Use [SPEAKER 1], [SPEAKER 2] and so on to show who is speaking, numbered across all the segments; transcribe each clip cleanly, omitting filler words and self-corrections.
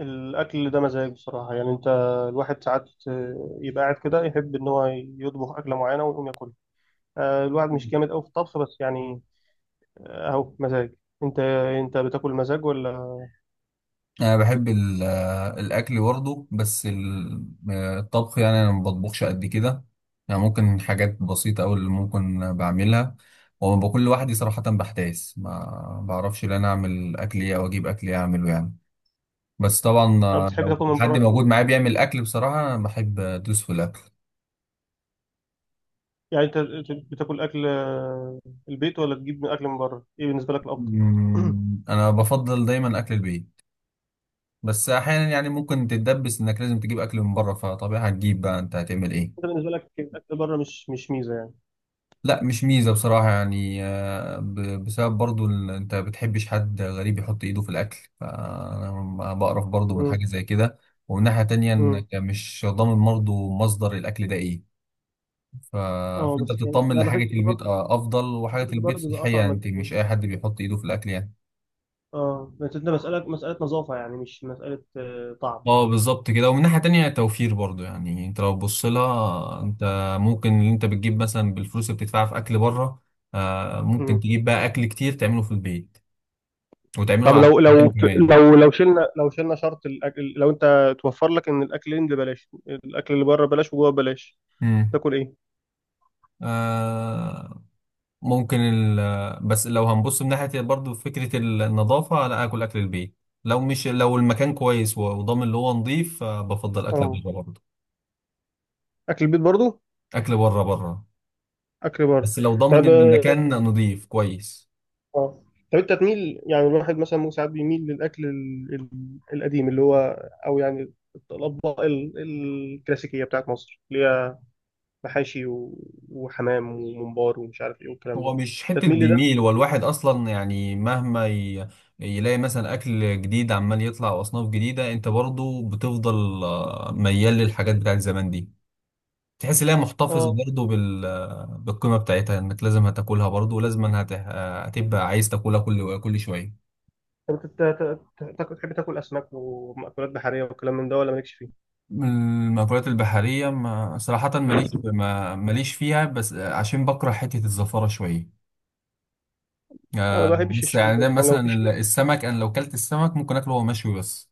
[SPEAKER 1] الأكل ده مزاج بصراحة. يعني الواحد ساعات يبقى قاعد كده، يحب إن هو يطبخ أكلة معينة ويقوم ياكلها. الواحد مش جامد أوي في الطبخ، بس يعني أهو مزاج. أنت أنت بتاكل مزاج ولا
[SPEAKER 2] انا بحب الاكل برضه بس الطبخ، يعني انا ما بطبخش قد كده. يعني ممكن حاجات بسيطه أوي اللي ممكن بعملها، وما بكون لوحدي صراحه بحتاس، ما بعرفش ان انا اعمل اكل ايه او اجيب اكل ايه اعمله يعني. بس طبعا
[SPEAKER 1] طب بتحب
[SPEAKER 2] لو
[SPEAKER 1] تاكل من بره
[SPEAKER 2] حد
[SPEAKER 1] كتير؟
[SPEAKER 2] موجود معايا بيعمل اكل، بصراحه انا بحب ادوس في الاكل.
[SPEAKER 1] يعني أنت بتاكل أكل البيت ولا تجيب من أكل من بره؟ إيه بالنسبة لك الأفضل؟ أنت
[SPEAKER 2] انا بفضل دايما اكل البيت، بس احيانا يعني ممكن تتدبس انك لازم تجيب اكل من بره، فطبيعي هتجيب، بقى انت هتعمل ايه.
[SPEAKER 1] بالنسبة لك الأكل بره مش ميزة يعني.
[SPEAKER 2] لا مش ميزة، بصراحة يعني بسبب برضو انت بتحبش حد غريب يحط ايده في الاكل، فانا بقرف برضو من
[SPEAKER 1] مم.
[SPEAKER 2] حاجة زي كده. ومن ناحية تانية
[SPEAKER 1] مم.
[SPEAKER 2] انك مش ضامن برضو مصدر الاكل ده ايه. ف-
[SPEAKER 1] اه،
[SPEAKER 2] فانت
[SPEAKER 1] بس يعني
[SPEAKER 2] بتطمن
[SPEAKER 1] انا بحس
[SPEAKER 2] لحاجة
[SPEAKER 1] ان
[SPEAKER 2] البيت
[SPEAKER 1] بره
[SPEAKER 2] افضل،
[SPEAKER 1] الأكل
[SPEAKER 2] وحاجة
[SPEAKER 1] اللي
[SPEAKER 2] البيت
[SPEAKER 1] بره بيبقى اطعم
[SPEAKER 2] صحية،
[SPEAKER 1] من
[SPEAKER 2] انت مش
[SPEAKER 1] البيت.
[SPEAKER 2] اي حد بيحط ايده في الاكل يعني.
[SPEAKER 1] اه بس انت مساله نظافه، يعني مش مساله طعم.
[SPEAKER 2] اه بالظبط كده، ومن ناحية تانية توفير برضو، يعني انت لو بص لها، انت ممكن اللي انت بتجيب مثلا بالفلوس اللي بتدفعها في اكل بره، ممكن
[SPEAKER 1] مم.
[SPEAKER 2] تجيب بقى اكل كتير تعمله في البيت، وتعمله
[SPEAKER 1] طب
[SPEAKER 2] على
[SPEAKER 1] لو
[SPEAKER 2] الأيام
[SPEAKER 1] لو
[SPEAKER 2] كمان.
[SPEAKER 1] لو لو شلنا لو شلنا شرط الاكل، لو انت توفر لك ان الاكلين اللي بلاش، الاكل اللي بره بلاش، وجوه بلاش،
[SPEAKER 2] مم.
[SPEAKER 1] تاكل ايه؟
[SPEAKER 2] آه ممكن بس لو هنبص من ناحية برضو فكرة النظافة، لا أكل، أكل البيت، لو مش لو المكان كويس وضامن اللي هو نظيف، بفضل أكل
[SPEAKER 1] اه،
[SPEAKER 2] بره برضه.
[SPEAKER 1] اكل البيت برضو،
[SPEAKER 2] أكل بره بره،
[SPEAKER 1] اكل بره.
[SPEAKER 2] بس لو ضامن
[SPEAKER 1] طب
[SPEAKER 2] إن
[SPEAKER 1] اه،
[SPEAKER 2] المكان نظيف كويس.
[SPEAKER 1] طب انت تميل، يعني الواحد مثلا ممكن ساعات بيميل للاكل القديم اللي هو، او يعني الاطباق الكلاسيكيه بتاعت مصر، اللي هي محاشي وحمام وممبار ومش عارف ايه والكلام ده.
[SPEAKER 2] هو مش
[SPEAKER 1] انت
[SPEAKER 2] حتة
[SPEAKER 1] تميل لده؟
[SPEAKER 2] بيميل، والواحد أصلا يعني مهما يلاقي مثلا أكل جديد عمال يطلع وأصناف جديدة، أنت برضو بتفضل ميال للحاجات بتاعت زمان دي. تحس ان هي محتفظه
[SPEAKER 1] اه
[SPEAKER 2] برضه بالقيمه بتاعتها، انك لازم هتاكلها برضه ولازم هتبقى عايز تاكلها كل شويه.
[SPEAKER 1] طب أنت تحب تاكل اسماك ومأكولات بحريه والكلام من ده، ولا مالكش فيه؟
[SPEAKER 2] من المأكولات البحريه ما... صراحه ماليش في- ما... ماليش فيها، بس عشان بكره حته الزفاره شويه.
[SPEAKER 1] انا ما
[SPEAKER 2] آه،
[SPEAKER 1] بحبش
[SPEAKER 2] بس
[SPEAKER 1] الشوي،
[SPEAKER 2] يعني ده
[SPEAKER 1] بس يعني لو
[SPEAKER 2] مثلا
[SPEAKER 1] في شوي.
[SPEAKER 2] السمك، انا لو كلت السمك ممكن اكله وهو مشوي بس،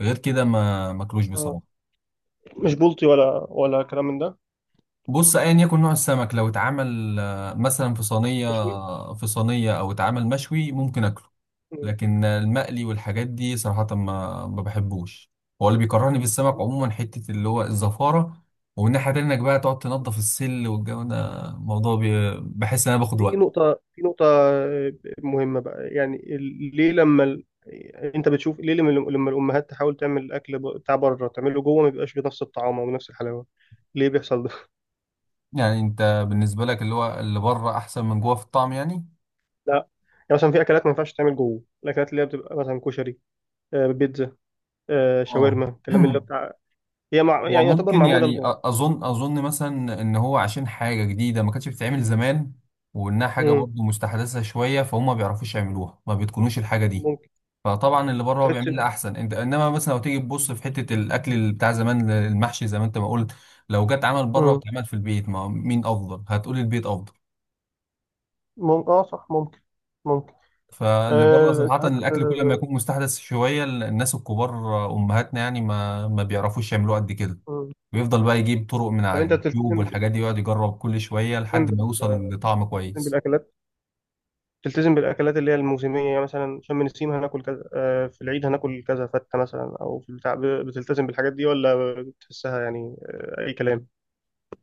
[SPEAKER 2] غير كده ما ماكلوش
[SPEAKER 1] اه
[SPEAKER 2] بصراحه.
[SPEAKER 1] مش بلطي ولا كلام من ده؟
[SPEAKER 2] بص ايا يكن نوع السمك لو اتعمل مثلا في صينيه
[SPEAKER 1] مشوي.
[SPEAKER 2] في صينيه او اتعمل مشوي ممكن اكله.
[SPEAKER 1] مم.
[SPEAKER 2] لكن المقلي والحاجات دي صراحة ما بحبوش. هو اللي بيكرهني في السمك عموما حتة اللي هو الزفارة، ومن ناحية تانية انك بقى تقعد تنضف السل والجو ده، موضوع بحس ان انا باخد
[SPEAKER 1] في
[SPEAKER 2] وقت.
[SPEAKER 1] نقطه مهمه بقى، يعني ليه لما انت بتشوف ليه لما الامهات تحاول تعمل الاكل بتاع بره تعمله جوه ما بيبقاش بنفس الطعام او نفس الحلاوه؟ ليه بيحصل ده؟
[SPEAKER 2] يعني انت بالنسبة لك اللي هو اللي بره احسن من جوه في الطعم يعني.
[SPEAKER 1] لا، يعني مثلا في اكلات ما ينفعش تعمل جوه، الاكلات اللي هي بتبقى مثلا كشري، بيتزا،
[SPEAKER 2] اه
[SPEAKER 1] شاورما، الكلام اللي هو بتاع، هي مع... يعني يعتبر
[SPEAKER 2] وممكن
[SPEAKER 1] معموله
[SPEAKER 2] يعني أ-
[SPEAKER 1] لبره.
[SPEAKER 2] اظن اظن مثلا ان هو عشان حاجة جديدة ما كانتش بتتعمل زمان، وانها حاجة
[SPEAKER 1] مم.
[SPEAKER 2] برضه مستحدثة شوية، فهم ما بيعرفوش يعملوها، ما بيتقنوش الحاجة دي.
[SPEAKER 1] ممكن
[SPEAKER 2] فطبعا اللي بره هو
[SPEAKER 1] تحس
[SPEAKER 2] بيعمل لي
[SPEAKER 1] ان،
[SPEAKER 2] احسن، انت انما مثلا لو تيجي تبص في حته الاكل اللي بتاع زمان، المحشي زي ما انت ما قلت، لو جت عمل بره
[SPEAKER 1] مم.
[SPEAKER 2] واتعمل في البيت، ما هو مين افضل؟ هتقول البيت افضل.
[SPEAKER 1] ممكن، اه صح، ممكن، ممكن،
[SPEAKER 2] فاللي بره صراحه
[SPEAKER 1] ساعات،
[SPEAKER 2] الاكل كل ما يكون مستحدث شويه، الناس الكبار امهاتنا يعني ما بيعرفوش يعملوه قد كده.
[SPEAKER 1] مم.
[SPEAKER 2] بيفضل بقى يجيب طرق من
[SPEAKER 1] طب
[SPEAKER 2] على
[SPEAKER 1] انت
[SPEAKER 2] اليوتيوب
[SPEAKER 1] بتلتزم،
[SPEAKER 2] والحاجات دي، يقعد يجرب كل شويه
[SPEAKER 1] بتلتزم
[SPEAKER 2] لحد ما يوصل
[SPEAKER 1] بال-
[SPEAKER 2] لطعم
[SPEAKER 1] بتلتزم
[SPEAKER 2] كويس.
[SPEAKER 1] بالاكلات بتلتزم بالاكلات اللي هي الموسميه، يعني مثلا شم النسيم هناكل كذا، في العيد هناكل كذا، فته مثلا، او في البتاع بتلتزم بالحاجات دي ولا بتحسها يعني اي كلام؟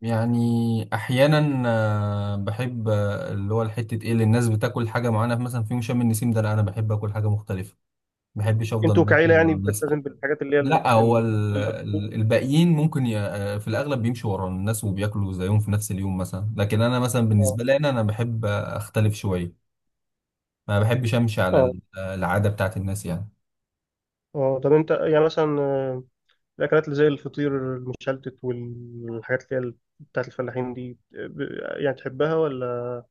[SPEAKER 2] يعني احيانا بحب اللي هو الحته ايه اللي الناس بتاكل حاجه معانا مثلا في يوم شم النسيم ده، لا انا بحب اكل حاجه مختلفه، ما بحبش افضل
[SPEAKER 1] انتوا
[SPEAKER 2] ماشي
[SPEAKER 1] كعيله يعني
[SPEAKER 2] ورا الناس.
[SPEAKER 1] بتلتزم بالحاجات اللي هي
[SPEAKER 2] لا هو
[SPEAKER 1] الأكل؟
[SPEAKER 2] الباقيين ممكن في الاغلب بيمشوا ورا الناس وبياكلوا زيهم في نفس اليوم مثلا، لكن انا مثلا
[SPEAKER 1] اه،
[SPEAKER 2] بالنسبه لي انا بحب اختلف شويه، ما بحبش امشي على
[SPEAKER 1] اه،
[SPEAKER 2] العاده بتاعت الناس يعني.
[SPEAKER 1] اه طب انت يعني مثلا الأكلات اللي زي الفطير المشلتت والحاجات اللي هي بتاعت الفلاحين دي، يعني تحبها ولا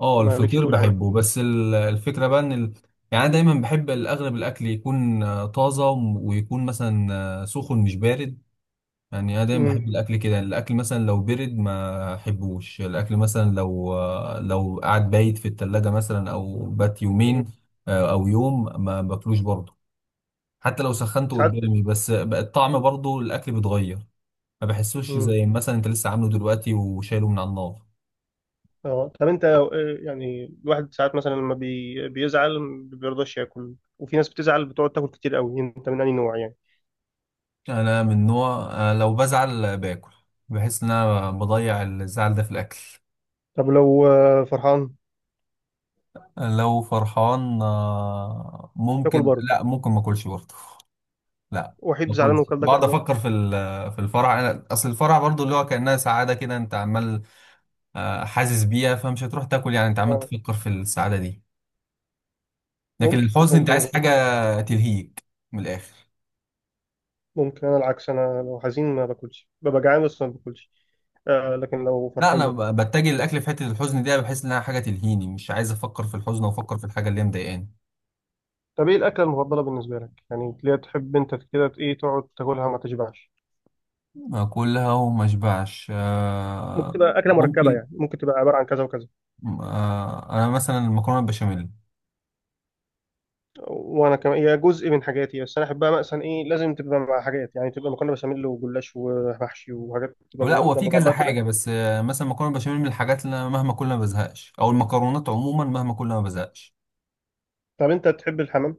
[SPEAKER 2] اه
[SPEAKER 1] مالكش
[SPEAKER 2] الفطير
[SPEAKER 1] تقول عليها؟
[SPEAKER 2] بحبه، بس الفكرة بقى يعني انا دايما بحب الاغلب الاكل يكون طازة، ويكون مثلا سخن مش بارد. يعني انا دايما بحب
[SPEAKER 1] مم.
[SPEAKER 2] الاكل كده، يعني الاكل مثلا لو برد ما احبوش، الاكل مثلا لو قعد بايت في التلاجة مثلا، او بات
[SPEAKER 1] مم.
[SPEAKER 2] يومين او يوم ما باكلوش برضه، حتى لو سخنته
[SPEAKER 1] ساعات.
[SPEAKER 2] قدامي، بس بقى الطعم برضه الاكل بيتغير، ما بحسوش
[SPEAKER 1] مم.
[SPEAKER 2] زي مثلا انت لسه عامله دلوقتي وشايله من على النار.
[SPEAKER 1] اه طب انت يعني الواحد ساعات مثلا لما بي... بيزعل ما بيرضاش ياكل، وفي ناس بتزعل بتقعد تاكل كتير قوي، انت من أي نوع يعني؟
[SPEAKER 2] انا من نوع لو بزعل باكل. بحس ان انا بضيع الزعل ده في الاكل.
[SPEAKER 1] طب لو فرحان
[SPEAKER 2] لو فرحان
[SPEAKER 1] تاكل
[SPEAKER 2] ممكن،
[SPEAKER 1] برضه؟
[SPEAKER 2] لا ممكن ما اكلش برضه. لا ما
[SPEAKER 1] وحيد زعلان
[SPEAKER 2] اكلش،
[SPEAKER 1] وكل ده
[SPEAKER 2] بقعد
[SPEAKER 1] كربات؟
[SPEAKER 2] افكر في في الفرح. انا اصل الفرح برضه اللي هو كانها سعاده كده، انت عمال حاسس بيها، فمش هتروح تاكل يعني، انت عمال
[SPEAKER 1] اه
[SPEAKER 2] تفكر في السعاده دي. لكن
[SPEAKER 1] ممكن،
[SPEAKER 2] الحزن انت
[SPEAKER 1] ممكن
[SPEAKER 2] عايز
[SPEAKER 1] نظر،
[SPEAKER 2] حاجه تلهيك من الاخر.
[SPEAKER 1] ممكن. انا العكس، انا لو حزين ما باكلش، ببقى جعان بس ما باكلش، آه، لكن لو
[SPEAKER 2] لا
[SPEAKER 1] فرحان
[SPEAKER 2] انا
[SPEAKER 1] باكل.
[SPEAKER 2] بتجه للاكل في حته الحزن دي، بحس انها حاجه تلهيني، مش عايز افكر في الحزن، وافكر في الحاجه اللي هي مضايقاني.
[SPEAKER 1] طب ايه الاكله المفضله بالنسبه لك، يعني اللي هي تحب انت كده، ايه تقعد تاكلها ما تشبعش؟
[SPEAKER 2] اكلها وما اشبعش
[SPEAKER 1] ممكن تبقى اكله مركبه،
[SPEAKER 2] ممكن
[SPEAKER 1] يعني ممكن تبقى عباره عن كذا وكذا.
[SPEAKER 2] انا مثلا المكرونه البشاميل.
[SPEAKER 1] وانا كمان هي جزء من حاجاتي، بس انا احبها مثلا ايه، لازم تبقى مع حاجات، يعني تبقى مكرونه بشاميل وجلاش ومحشي، وحاجات تبقى
[SPEAKER 2] ولا
[SPEAKER 1] جنب
[SPEAKER 2] هو في
[SPEAKER 1] جنب
[SPEAKER 2] كذا
[SPEAKER 1] بعضها كده.
[SPEAKER 2] حاجه، بس مثلا المكرونه البشاميل من الحاجات اللي انا مهما كل ما بزهقش، او المكرونات عموما مهما كل ما بزهقش.
[SPEAKER 1] طب انت تحب الحمام؟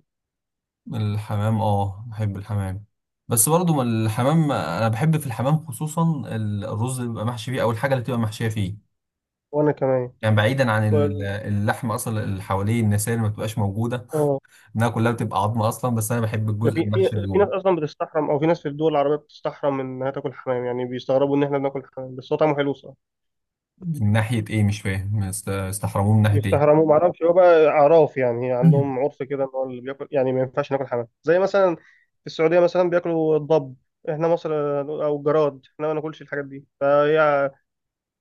[SPEAKER 2] الحمام، اه بحب الحمام. بس برضو ما الحمام، انا بحب في الحمام خصوصا الرز اللي بيبقى محشي فيه، او الحاجه اللي بتبقى محشيه فيه،
[SPEAKER 1] وانا كمان.
[SPEAKER 2] يعني بعيدا عن
[SPEAKER 1] وال-
[SPEAKER 2] اللحمه اصلا اللي حواليه، النساء اللي ما بتبقاش موجوده،
[SPEAKER 1] اه،
[SPEAKER 2] انها كلها بتبقى عظمه اصلا، بس انا بحب
[SPEAKER 1] ده
[SPEAKER 2] الجزء
[SPEAKER 1] في في
[SPEAKER 2] المحشي اللي
[SPEAKER 1] في ناس
[SPEAKER 2] جوه.
[SPEAKER 1] اصلا بتستحرم، او في ناس في الدول العربيه بتستحرم انها تاكل حمام، يعني بيستغربوا ان احنا بناكل حمام، بس هو طعمه حلو.
[SPEAKER 2] من ناحية إيه؟ مش فاهم استحرموه من ناحية إيه؟
[SPEAKER 1] بيستحرموا ما اعرفش، هو بقى اعراف يعني، عندهم عرف كده ان هو اللي بياكل يعني ما ينفعش ناكل حمام، زي مثلا في السعوديه مثلا بياكلوا الضب، احنا مصر، او الجراد احنا ما ناكلش الحاجات دي، فهي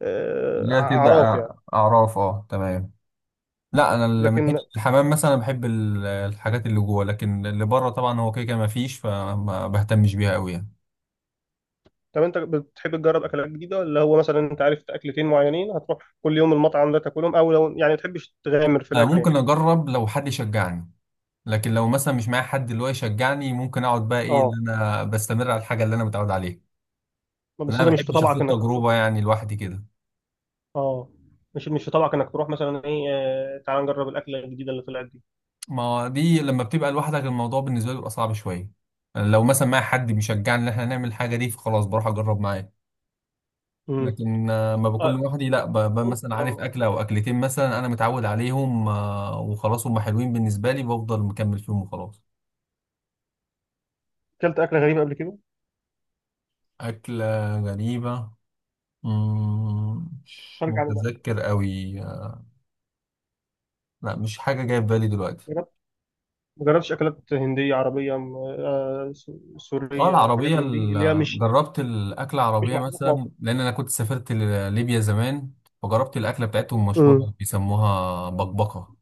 [SPEAKER 2] اللي هي بتبقى
[SPEAKER 1] اعراف يعني.
[SPEAKER 2] أعراف، أه تمام. لا أنا اللي من
[SPEAKER 1] لكن
[SPEAKER 2] حتة الحمام مثلا بحب الحاجات اللي جوه، لكن اللي بره طبعا هو كده كده مفيش، فما بهتمش بيها أوي يعني.
[SPEAKER 1] طب انت بتحب تجرب اكلات جديده، ولا هو مثلا انت عارف اكلتين معينين هتروح كل يوم المطعم ده تاكلهم، او لو يعني ما تحبش تغامر في
[SPEAKER 2] أنا
[SPEAKER 1] الاكل يعني؟
[SPEAKER 2] ممكن أجرب لو حد يشجعني، لكن لو مثلا مش معايا حد اللي هو يشجعني، ممكن أقعد بقى إيه، اللي
[SPEAKER 1] اه
[SPEAKER 2] أنا بستمر على الحاجة اللي أنا متعود عليها. لأن
[SPEAKER 1] بس
[SPEAKER 2] أنا
[SPEAKER 1] انت
[SPEAKER 2] ما
[SPEAKER 1] مش في
[SPEAKER 2] بحبش آخد
[SPEAKER 1] طبعك انك تروح؟
[SPEAKER 2] تجربة يعني لوحدي كده.
[SPEAKER 1] اه مش مش في طبعك انك تروح مثلا ايه تعال نجرب الاكله الجديده اللي طلعت دي؟
[SPEAKER 2] ما هو دي لما بتبقى لوحدك الموضوع بالنسبة لي بيبقى صعب شوية. يعني لو مثلا معايا حد بيشجعني ان احنا نعمل الحاجة دي فخلاص بروح اجرب معاه.
[SPEAKER 1] امم
[SPEAKER 2] لكن ما بكون
[SPEAKER 1] آه،
[SPEAKER 2] لوحدي، لا
[SPEAKER 1] ممكن.
[SPEAKER 2] مثلا عارف
[SPEAKER 1] اه
[SPEAKER 2] اكلة او اكلتين، مثلا انا متعود عليهم وخلاص هم حلوين بالنسبة لي، بفضل مكمل فيهم وخلاص.
[SPEAKER 1] اكلت اكله غريبه قبل كده؟
[SPEAKER 2] أكلة غريبة، مش
[SPEAKER 1] خارج عن المألوف؟
[SPEAKER 2] متذكر قوي. لا مش حاجة جاية في بالي دلوقتي.
[SPEAKER 1] جربت، ما جربتش اكلات هنديه، عربيه،
[SPEAKER 2] اه
[SPEAKER 1] سوريه، حاجات
[SPEAKER 2] العربية،
[SPEAKER 1] من دي اللي هي مش
[SPEAKER 2] جربت الأكلة
[SPEAKER 1] مش
[SPEAKER 2] العربية
[SPEAKER 1] محطوطه في
[SPEAKER 2] مثلا،
[SPEAKER 1] مصر؟
[SPEAKER 2] لأن أنا كنت سافرت ليبيا زمان، فجربت الأكلة بتاعتهم،
[SPEAKER 1] امم
[SPEAKER 2] مشهورة بيسموها بقبقة.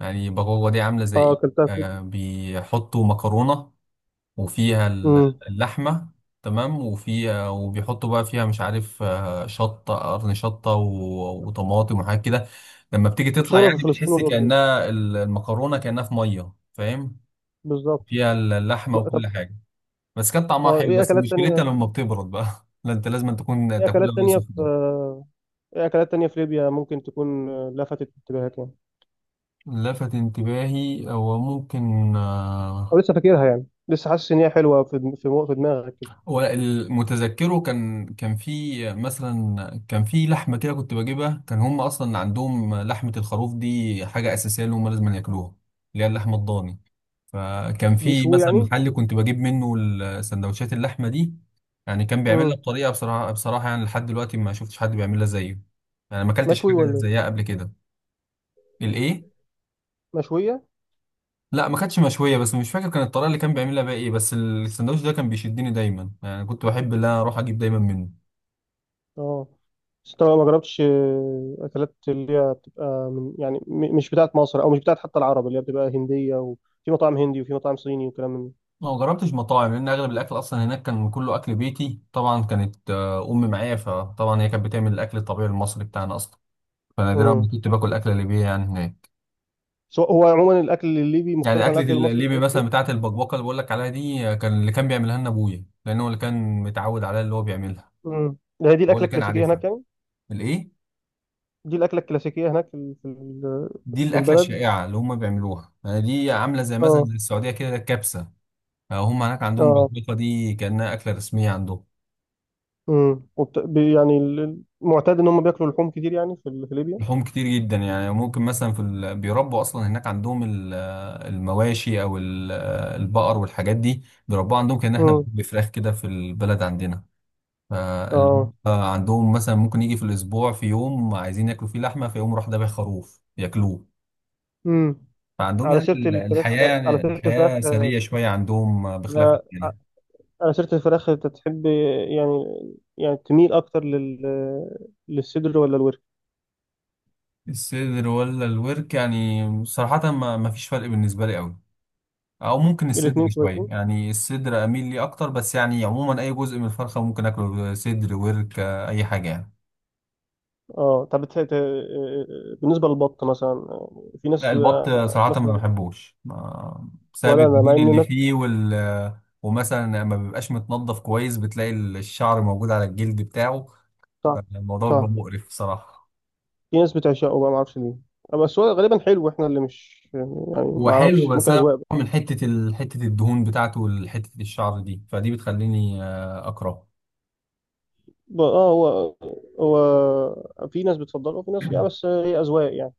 [SPEAKER 2] يعني بقبقة دي عاملة زي
[SPEAKER 1] اه
[SPEAKER 2] إيه؟
[SPEAKER 1] اكلتها في.
[SPEAKER 2] بيحطوا مكرونة، وفيها
[SPEAKER 1] امم
[SPEAKER 2] اللحمة، تمام، وفيها وبيحطوا بقى فيها، مش عارف، شطة قرن، شطة وطماطم، وحاجات كده. لما بتيجي تطلع
[SPEAKER 1] مشهوره في
[SPEAKER 2] يعني
[SPEAKER 1] فلسطين
[SPEAKER 2] بتحس
[SPEAKER 1] والاردن.
[SPEAKER 2] كأنها المكرونة كأنها في مية، فاهم،
[SPEAKER 1] بالظبط.
[SPEAKER 2] فيها اللحمة
[SPEAKER 1] طب
[SPEAKER 2] وكل حاجة. بس كانت طعمها
[SPEAKER 1] اه
[SPEAKER 2] حلو،
[SPEAKER 1] ايه
[SPEAKER 2] بس
[SPEAKER 1] اكلات
[SPEAKER 2] مشكلتها
[SPEAKER 1] تانية؟
[SPEAKER 2] لما بتبرد بقى لا انت لازم تكون
[SPEAKER 1] ايه
[SPEAKER 2] تاكلها
[SPEAKER 1] اكلات
[SPEAKER 2] وهي
[SPEAKER 1] تانية في
[SPEAKER 2] سخنه.
[SPEAKER 1] ايه اكلات تانية في ليبيا ممكن تكون لفتت انتباهك يعني،
[SPEAKER 2] لفت انتباهي، هو ممكن
[SPEAKER 1] او لسه فاكرها، يعني لسه حاسس ان هي حلوه في دماغك كده؟
[SPEAKER 2] هو المتذكره كان في مثلا، كان في لحمه كده كنت بجيبها، كان هم اصلا عندهم لحمه الخروف دي حاجه اساسيه اللي هم لازم ياكلوها، اللي هي اللحمه الضاني. فكان في
[SPEAKER 1] بيشوي
[SPEAKER 2] مثلا
[SPEAKER 1] يعني؟
[SPEAKER 2] محل كنت بجيب منه سندوتشات اللحمه دي. يعني كان بيعملها
[SPEAKER 1] امم
[SPEAKER 2] بطريقه، بصراحه يعني لحد دلوقتي ما شفتش حد بيعملها زيه، يعني ما اكلتش
[SPEAKER 1] مشوي
[SPEAKER 2] حاجه
[SPEAKER 1] ولا إيه؟
[SPEAKER 2] زيها قبل كده. الايه؟
[SPEAKER 1] مشويه؟
[SPEAKER 2] لا ما كانتش مشويه، بس مش فاكر كان الطريقه اللي كان بيعملها بقى ايه، بس السندوتش ده كان بيشدني دايما، يعني كنت بحب ان انا اروح اجيب دايما منه.
[SPEAKER 1] اه بس طبعا ما جربتش اكلات اللي هي بتبقى من يعني مش بتاعت مصر او مش بتاعت حتى العرب، اللي هي بتبقى هنديه، وفي مطاعم هندي وفي مطاعم صيني وكلام من ده.
[SPEAKER 2] ما جربتش مطاعم لان اغلب الاكل اصلا هناك كان كله اكل بيتي، طبعا كانت امي معايا، فطبعا هي كانت بتعمل الاكل الطبيعي المصري بتاعنا اصلا، فنادرا ما
[SPEAKER 1] امم
[SPEAKER 2] كنت باكل اكل ليبي يعني هناك.
[SPEAKER 1] هو عموما الاكل الليبي
[SPEAKER 2] يعني
[SPEAKER 1] مختلف عن
[SPEAKER 2] اكله
[SPEAKER 1] الاكل المصري في
[SPEAKER 2] الليبي
[SPEAKER 1] حاجات
[SPEAKER 2] مثلا
[SPEAKER 1] كتير.
[SPEAKER 2] بتاعه البكبكه اللي بقول لك عليها دي، كان اللي كان بيعملها لنا ابويا، لان هو اللي كان متعود عليها اللي هو بيعملها،
[SPEAKER 1] ده هي دي
[SPEAKER 2] هو
[SPEAKER 1] الاكله
[SPEAKER 2] اللي كان
[SPEAKER 1] الكلاسيكيه
[SPEAKER 2] عارفها.
[SPEAKER 1] هناك يعني؟
[SPEAKER 2] الايه؟
[SPEAKER 1] دي الاكله الكلاسيكيه هناك في
[SPEAKER 2] دي
[SPEAKER 1] في
[SPEAKER 2] الأكلة
[SPEAKER 1] البلد؟
[SPEAKER 2] الشائعة اللي هم بيعملوها، يعني دي عاملة زي مثلا
[SPEAKER 1] اه
[SPEAKER 2] زي السعودية كده الكبسة. هم هناك عندهم
[SPEAKER 1] اه
[SPEAKER 2] بالبيضة دي كأنها أكلة رسمية عندهم.
[SPEAKER 1] وبت... بي- يعني ال- المعتاد ان هم بياكلوا لحوم كتير، يعني في في ليبيا.
[SPEAKER 2] لحوم كتير جدا، يعني ممكن مثلا بيربوا أصلا هناك عندهم المواشي، أو البقر والحاجات دي بيربوها عندهم، كأن احنا
[SPEAKER 1] امم
[SPEAKER 2] بنربي فراخ كده في البلد عندنا.
[SPEAKER 1] اه
[SPEAKER 2] عندهم مثلا ممكن يجي في الأسبوع في يوم عايزين ياكلوا فيه لحمة، فيقوم راح ذابح خروف ياكلوه.
[SPEAKER 1] امم
[SPEAKER 2] فعندهم
[SPEAKER 1] على
[SPEAKER 2] يعني
[SPEAKER 1] سيره الفراخ،
[SPEAKER 2] الحياة،
[SPEAKER 1] على
[SPEAKER 2] يعني
[SPEAKER 1] سيره الفراخ،
[SPEAKER 2] الحياة سرية شوية عندهم بخلاف
[SPEAKER 1] آه،
[SPEAKER 2] عندنا.
[SPEAKER 1] على سيرة الفراخ أنت تحب يعني، يعني تميل أكتر لل... للصدر ولا الورك؟
[SPEAKER 2] الصدر ولا الورك، يعني صراحة ما فيش فرق بالنسبة لي قوي، او ممكن الصدر
[SPEAKER 1] الاتنين
[SPEAKER 2] شوية،
[SPEAKER 1] كويسين؟
[SPEAKER 2] يعني الصدر اميل لي اكتر، بس يعني عموما اي جزء من الفرخة ممكن اكله، صدر، ورك، اي حاجة يعني.
[SPEAKER 1] أه طب بتح- ت... بالنسبة للبط مثلا، في
[SPEAKER 2] لا
[SPEAKER 1] ناس،
[SPEAKER 2] البط صراحة ما
[SPEAKER 1] مثلا،
[SPEAKER 2] بحبوش، ما بسبب
[SPEAKER 1] ولا أنا مع
[SPEAKER 2] الدهون
[SPEAKER 1] إن
[SPEAKER 2] اللي
[SPEAKER 1] الناس.
[SPEAKER 2] فيه ومثلا ما بيبقاش متنضف كويس، بتلاقي الشعر موجود على الجلد بتاعه،
[SPEAKER 1] صح.
[SPEAKER 2] فالموضوع
[SPEAKER 1] صح.
[SPEAKER 2] بيبقى مقرف صراحة.
[SPEAKER 1] في ناس بتعشقه بقى معرفش ليه، بس هو غالبا حلو، إحنا اللي مش يعني
[SPEAKER 2] هو حلو،
[SPEAKER 1] معرفش،
[SPEAKER 2] بس
[SPEAKER 1] ممكن
[SPEAKER 2] أنا
[SPEAKER 1] أذواق بقى.
[SPEAKER 2] من حتة حتة الدهون بتاعته وحتة الشعر دي، فدي بتخليني اكرهه.
[SPEAKER 1] أه هو، هو في ناس بتفضله وفي ناس يعني، بس هي أذواق يعني.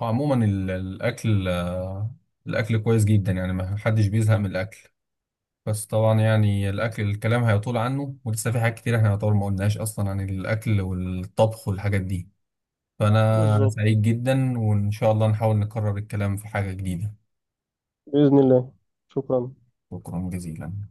[SPEAKER 2] وعموما الاكل كويس جدا، يعني ما حدش بيزهق من الاكل. بس طبعا يعني الاكل الكلام هيطول عنه، ولسه في حاجات كتير احنا يعتبر ما قلناش اصلا عن الاكل والطبخ والحاجات دي. فانا
[SPEAKER 1] بالظبط.
[SPEAKER 2] سعيد جدا، وان شاء الله نحاول نكرر الكلام في حاجة جديدة.
[SPEAKER 1] بإذن الله. شكرا.
[SPEAKER 2] شكرا جزيلا.